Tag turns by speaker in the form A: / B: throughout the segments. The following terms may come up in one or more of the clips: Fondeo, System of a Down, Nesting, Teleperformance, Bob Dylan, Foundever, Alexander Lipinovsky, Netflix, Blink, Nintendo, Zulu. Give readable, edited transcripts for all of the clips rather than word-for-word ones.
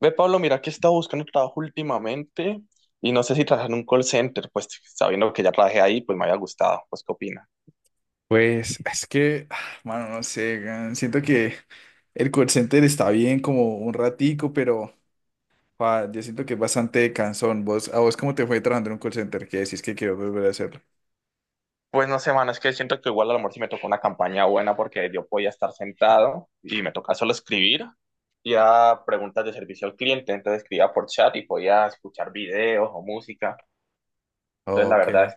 A: Ve, Pablo, mira que he estado buscando trabajo últimamente y no sé si trabajar en un call center, pues sabiendo que ya trabajé ahí, pues me había gustado. Pues, ¿qué opina?
B: Pues es que, mano, no sé, siento que el call center está bien como un ratico, pero yo siento que es bastante cansón. ¿¿A vos cómo te fue trabajando en un call center? ¿Qué decís que quiero volver a hacerlo?
A: Pues no sé, man, es que siento que igual a lo mejor sí me tocó una campaña buena porque yo podía estar sentado y me tocaba solo escribir y a preguntas de servicio al cliente, entonces escribía por chat y podía escuchar videos o música. Entonces, la
B: Ok,
A: verdad,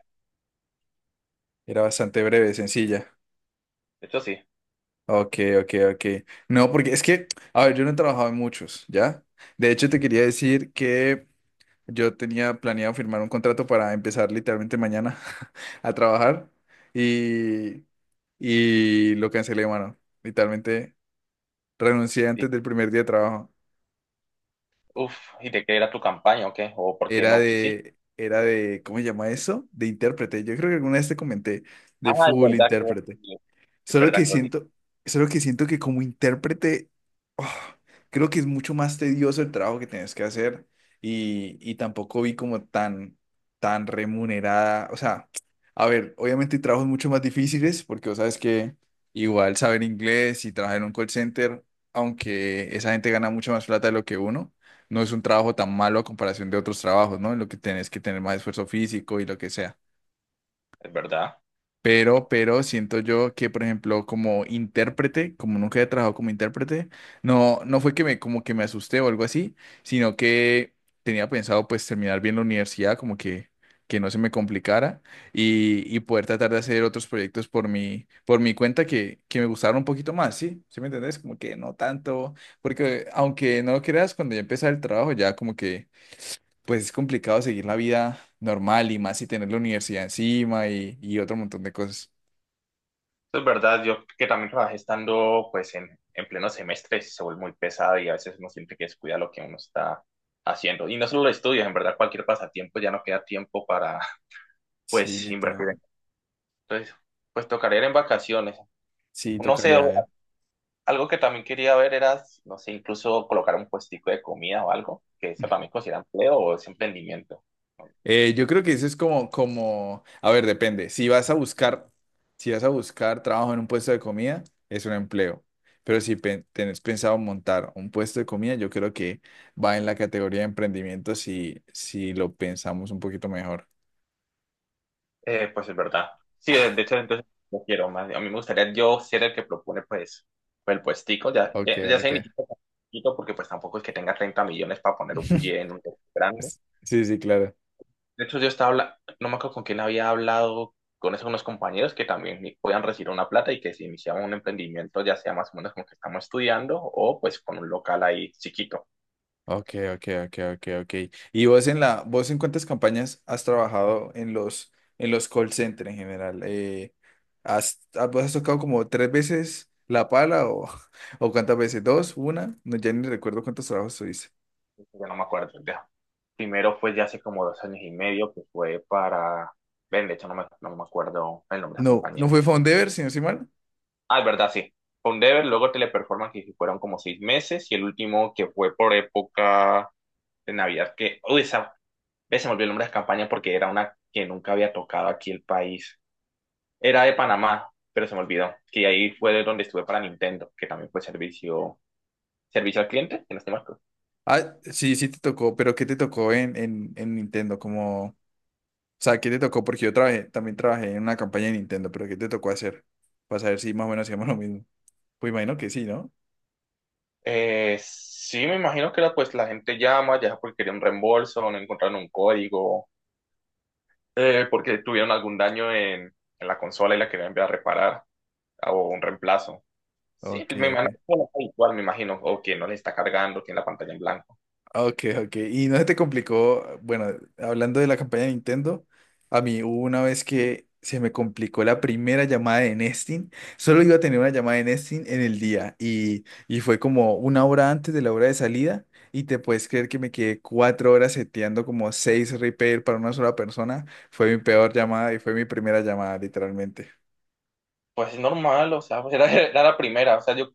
B: era bastante breve, sencilla.
A: esto sí.
B: Ok, ok, ok. No, porque es que, a ver, yo no he trabajado en muchos, ¿ya? De hecho, te quería decir que yo tenía planeado firmar un contrato para empezar literalmente mañana a trabajar y, y lo cancelé, mano. Literalmente. Renuncié
A: Y,
B: antes del primer día de trabajo.
A: uf, ¿y de qué era tu campaña o qué? ¿O por qué
B: Era
A: no quisiste?
B: de, era de, ¿cómo se llama eso? De intérprete. Yo creo que alguna vez te comenté, de
A: Ah, es
B: full
A: verdad que
B: intérprete.
A: es
B: Solo
A: verdad
B: que
A: que
B: siento, solo que siento que como intérprete, oh, creo que es mucho más tedioso el trabajo que tienes que hacer y tampoco vi como tan, tan remunerada. O sea, a ver, obviamente hay trabajos mucho más difíciles porque vos sabes que igual saber inglés y trabajar en un call center, aunque esa gente gana mucho más plata de lo que uno, no es un trabajo tan malo a comparación de otros trabajos, ¿no? En lo que tenés que tener más esfuerzo físico y lo que sea.
A: es verdad.
B: Pero siento yo que, por ejemplo, como intérprete, como nunca he trabajado como intérprete, no fue que me, como que me asusté o algo así, sino que tenía pensado pues terminar bien la universidad, como que no se me complicara y poder tratar de hacer otros proyectos por por mi cuenta que me gustaron un poquito más, ¿sí? ¿Sí me entendés? Como que no tanto, porque aunque no lo creas, cuando ya empecé el trabajo ya como que pues es complicado seguir la vida normal y más si tener la universidad encima y otro montón de cosas.
A: Eso es verdad, yo que también trabajé estando pues en pleno semestre, se vuelve muy pesado y a veces uno siente que descuida lo que uno está haciendo. Y no solo los estudios, en verdad cualquier pasatiempo ya no queda tiempo para
B: Sí,
A: pues invertir.
B: literalmente.
A: Entonces, pues tocaría ir en vacaciones.
B: Sí,
A: No sé,
B: tocaría ver.
A: algo que también quería ver era, no sé, incluso colocar un puestico de comida o algo, que eso también considera empleo o es emprendimiento. No, no sé.
B: Yo creo que eso es a ver, depende. Si vas a buscar trabajo en un puesto de comida, es un empleo. Pero si tenés pensado montar un puesto de comida, yo creo que va en la categoría de emprendimiento si lo pensamos un poquito mejor.
A: Pues es verdad. Sí, de de hecho, entonces no quiero más. A mí me gustaría yo ser el que propone, pues, pues el puestico. Ya,
B: Ok,
A: ya, ya se
B: ok.
A: inició con poquito, porque pues tampoco es que tenga 30 millones para poner un pie en un lugar grande.
B: Sí, sí, claro.
A: De hecho, yo estaba hablando, no me acuerdo con quién había hablado, con esos unos compañeros que también podían recibir una plata y que si iniciaban un emprendimiento, ya sea más o menos como que estamos estudiando o pues con un local ahí chiquito.
B: Ok, ok, ok, ok, ok. Y vos en cuántas campañas has trabajado en en los call centers en general? Vos has tocado como tres veces la pala o, o cuántas veces? ¿Dos? ¿Una? No, ya ni recuerdo cuántos trabajos tuviste.
A: Yo no me acuerdo ya. Primero fue ya hace como dos años y medio, que fue para... Ven, de hecho no me acuerdo el nombre de la
B: No, no
A: compañía.
B: fue Foundever, si no estoy mal.
A: Ah, es verdad, sí. Fue un Dever, luego Teleperformance, que fueron como seis meses, y el último que fue por época de Navidad, que, uy, esa vez se me olvidó el nombre de la campaña porque era una que nunca había tocado aquí el país. Era de Panamá, pero se me olvidó, que ahí fue de donde estuve para Nintendo, que también fue servicio, servicio al cliente, en este marco.
B: Ah, sí, sí te tocó, pero ¿qué te tocó en Nintendo? Como, o sea, ¿qué te tocó? Porque también trabajé en una campaña de Nintendo, pero ¿qué te tocó hacer? Para saber si más o menos hacíamos lo mismo. Pues imagino que sí, ¿no?
A: Sí, me imagino que era pues la gente llama, ya sea porque quería un reembolso, no encontraron un código, porque tuvieron algún daño en la consola y la querían enviar a reparar, o un reemplazo. Sí,
B: Ok,
A: pues me imagino
B: ok.
A: que es habitual, me imagino, o que no le está cargando, tiene la pantalla en blanco.
B: Ok, ok. Y no se te complicó, bueno, hablando de la campaña de Nintendo, a mí hubo una vez que se me complicó la primera llamada de Nesting. Solo iba a tener una llamada de Nesting en el día y fue como una hora antes de la hora de salida y te puedes creer que me quedé cuatro horas seteando como seis repair para una sola persona. Fue mi peor llamada y fue mi primera llamada, literalmente.
A: Pues es normal, o sea, pues era, era la primera, o sea, yo,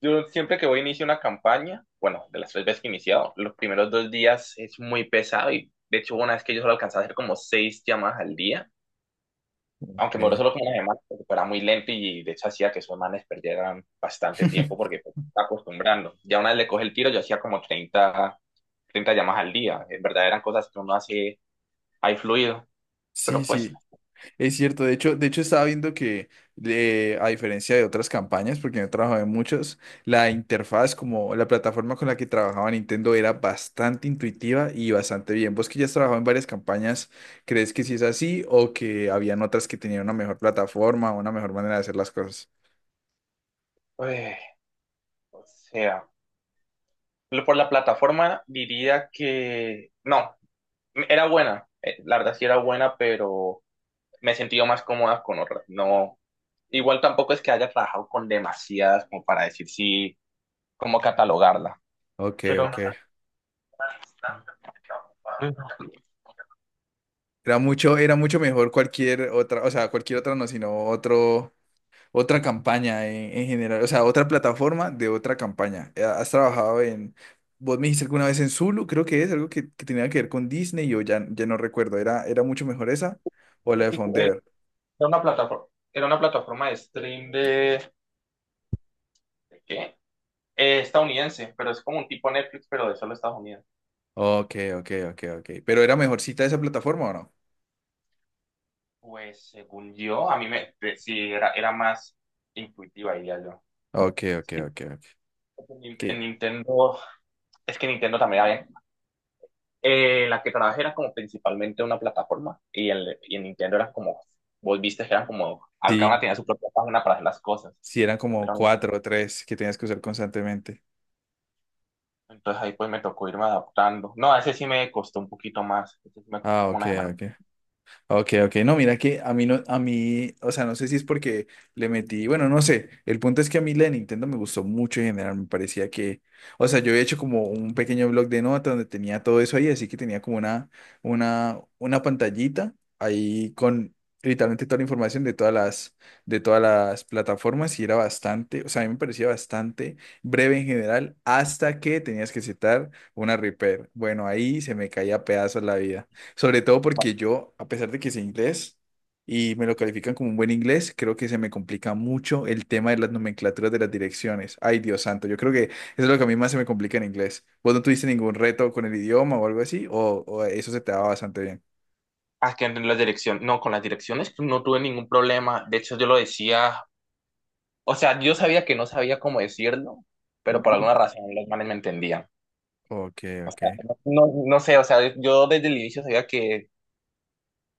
A: yo siempre que voy a iniciar una campaña, bueno, de las tres veces que he iniciado, los primeros dos días es muy pesado y de hecho hubo una vez que yo solo alcanzaba a hacer como seis llamadas al día, aunque me duró
B: Ok.
A: solo como una semana, porque era muy lento y de hecho hacía que esos manes perdieran bastante tiempo porque pues, se está acostumbrando. Ya una vez le coge el tiro, yo hacía como treinta llamadas al día, en verdad eran cosas que uno hace ahí fluido,
B: Sí,
A: pero pues...
B: sí. Es cierto, de hecho estaba viendo que a diferencia de otras campañas, porque yo he trabajado en muchas, la interfaz como la plataforma con la que trabajaba Nintendo era bastante intuitiva y bastante bien. Vos que ya has trabajado en varias campañas, ¿crees que sí es así o que habían otras que tenían una mejor plataforma o una mejor manera de hacer las cosas?
A: uy. O sea, lo- por la plataforma diría que no, era buena, la verdad sí era buena, pero me he sentido más cómoda con otras. No, igual tampoco es que haya trabajado con demasiadas como para decir sí, cómo catalogarla.
B: Ok,
A: Pero,
B: ok.
A: eh,
B: Era mucho mejor cualquier otra, o sea, cualquier otra no, sino otro. Otra campaña en general, o sea, otra plataforma de otra campaña. ¿Has trabajado en, vos me dijiste alguna vez en Zulu, creo que es algo que tenía que ver con Disney, ya no recuerdo, era mucho mejor esa o la de
A: sí, eh,
B: Fondeo?
A: era una plataforma, era una plataforma de stream ¿de qué? Estadounidense, pero es como un tipo Netflix, pero de solo Estados Unidos.
B: Ok, ok, ok, ok. ¿Pero era mejorcita esa plataforma o no?
A: Pues según yo, a mí me, sí, era, era más intuitiva, diría yo.
B: Ok, ok,
A: Sí.
B: ok, ok.
A: En
B: Que
A: Nintendo, es que Nintendo también había, la que trabajé era como principalmente una plataforma y el y en Nintendo era como, vos viste que eran como, cada una
B: sí,
A: tenía su propia página para hacer las cosas,
B: sí eran como
A: pero
B: cuatro o tres que tenías que usar constantemente.
A: entonces ahí pues me tocó irme adaptando. No, a ese sí me costó un poquito más, ese sí me costó
B: Ah,
A: como
B: ok,
A: una semana.
B: ok. Ok, ok, no, mira que a mí no, a mí, o sea, no sé si es porque le metí, bueno, no sé, el punto es que a mí la de Nintendo me gustó mucho en general, me parecía que, o sea, yo había hecho como un pequeño blog de notas donde tenía todo eso ahí, así que tenía como una pantallita ahí con literalmente toda la información de de todas las plataformas y era bastante, o sea, a mí me parecía bastante breve en general, hasta que tenías que citar una repair. Bueno, ahí se me caía a pedazos la vida. Sobre todo porque yo, a pesar de que sé inglés y me lo califican como un buen inglés, creo que se me complica mucho el tema de las nomenclaturas de las direcciones. Ay, Dios santo, yo creo que eso es lo que a mí más se me complica en inglés. ¿Vos no tuviste ningún reto con el idioma o algo así? O eso se te daba bastante bien?
A: Ah, que en las direcciones, no, con las direcciones no tuve ningún problema, de hecho yo lo decía, o sea, yo sabía que no sabía cómo decirlo, pero por
B: Ujú.
A: alguna razón los manes me entendían.
B: Ok,
A: O
B: ok.
A: sea, no, no sé, o sea, yo desde el inicio sabía que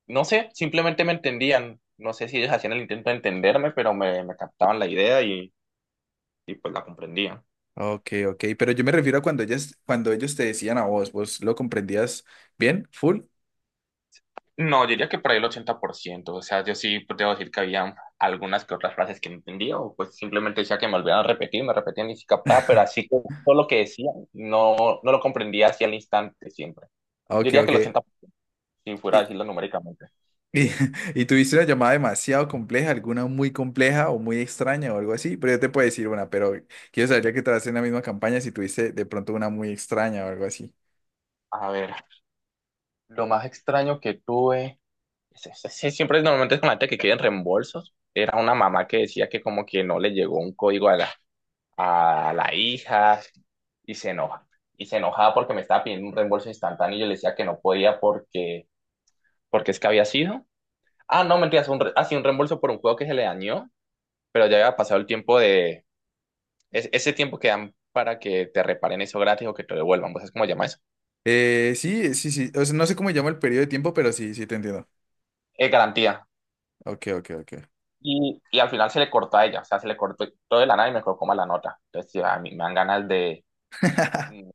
A: no sé, simplemente me entendían. No sé si ellos hacían el intento de entenderme, pero me captaban la idea y pues la comprendían.
B: Ok, ok. Pero yo me refiero a cuando ellas, cuando ellos te decían a vos, ¿vos lo comprendías bien? ¿Full?
A: No, diría que por ahí el 80%. O sea, yo sí pues, debo decir que había algunas que otras frases que no entendía o pues simplemente decía que me volvieran a repetir, me repetían y sí captaba, pero así que todo lo que decían no, no lo comprendía así el instante siempre. Yo
B: Ok,
A: diría que
B: ok.
A: el 80%, si fuera a decirlo numéricamente.
B: Y, y tuviste una llamada demasiado compleja, alguna muy compleja o muy extraña o algo así, pero yo te puedo decir una, pero quiero saber ya que te en la misma campaña si tuviste de pronto una muy extraña o algo así.
A: A ver, lo más extraño que tuve. Sí, sí, sí, siempre normalmente es con gente que quieren reembolsos. Era una mamá que decía que como que no le llegó un código a a la hija y se enoja. Y se enojaba porque me estaba pidiendo un reembolso instantáneo y yo le decía que no podía porque, porque es que había sido. Ah, no, mentiras, sí, un reembolso por un juego que se le dañó, pero ya había pasado el tiempo de... ese tiempo que dan para que te reparen eso gratis o que te lo devuelvan. ¿Vos sabés cómo se llama eso?
B: Sí, sí, sí, o sea, no sé cómo llama el periodo de tiempo, pero sí, sí te entiendo.
A: Es garantía.
B: Ok, ok, ok.
A: Y al final se le cortó a ella, o sea, se le cortó todo de la nada y me colocó mal la nota. Entonces, sí, a mí me dan ganas. Mm,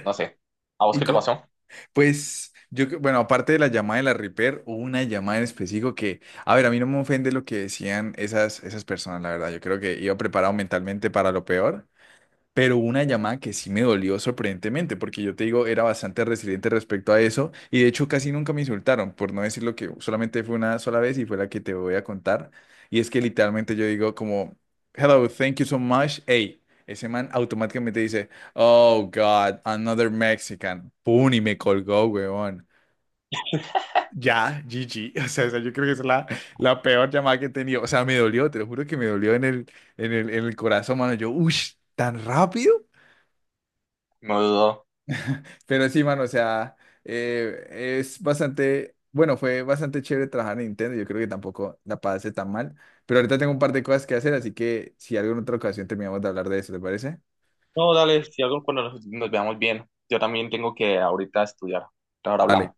A: no sé. ¿A vos
B: Y
A: qué te pasó?
B: pues yo, bueno, aparte de la llamada de la Reaper, hubo una llamada en específico que, a ver, a mí no me ofende lo que decían esas personas, la verdad, yo creo que iba preparado mentalmente para lo peor. Pero hubo una llamada que sí me dolió sorprendentemente, porque yo te digo, era bastante resiliente respecto a eso, y de hecho casi nunca me insultaron, por no decirlo que solamente fue una sola vez y fue la que te voy a contar. Y es que literalmente yo digo como, hello, thank you so much, hey, ese man automáticamente dice, oh God, another Mexican, pum, y me colgó, weón. Ya, GG, o sea, esa yo creo que es la, la peor llamada que he tenido, o sea, me dolió, te lo juro que me dolió en el corazón, mano, yo, uff, tan rápido.
A: No dudo.
B: Pero sí, mano, o sea, es bastante, bueno, fue bastante chévere trabajar en Nintendo. Yo creo que tampoco la pasé tan mal. Pero ahorita tengo un par de cosas que hacer, así que si alguna otra ocasión terminamos de hablar de eso, ¿te parece?
A: No, dale, si algo cuando nos veamos bien. Yo también tengo que ahorita estudiar. Ahora
B: Dale.
A: hablamos.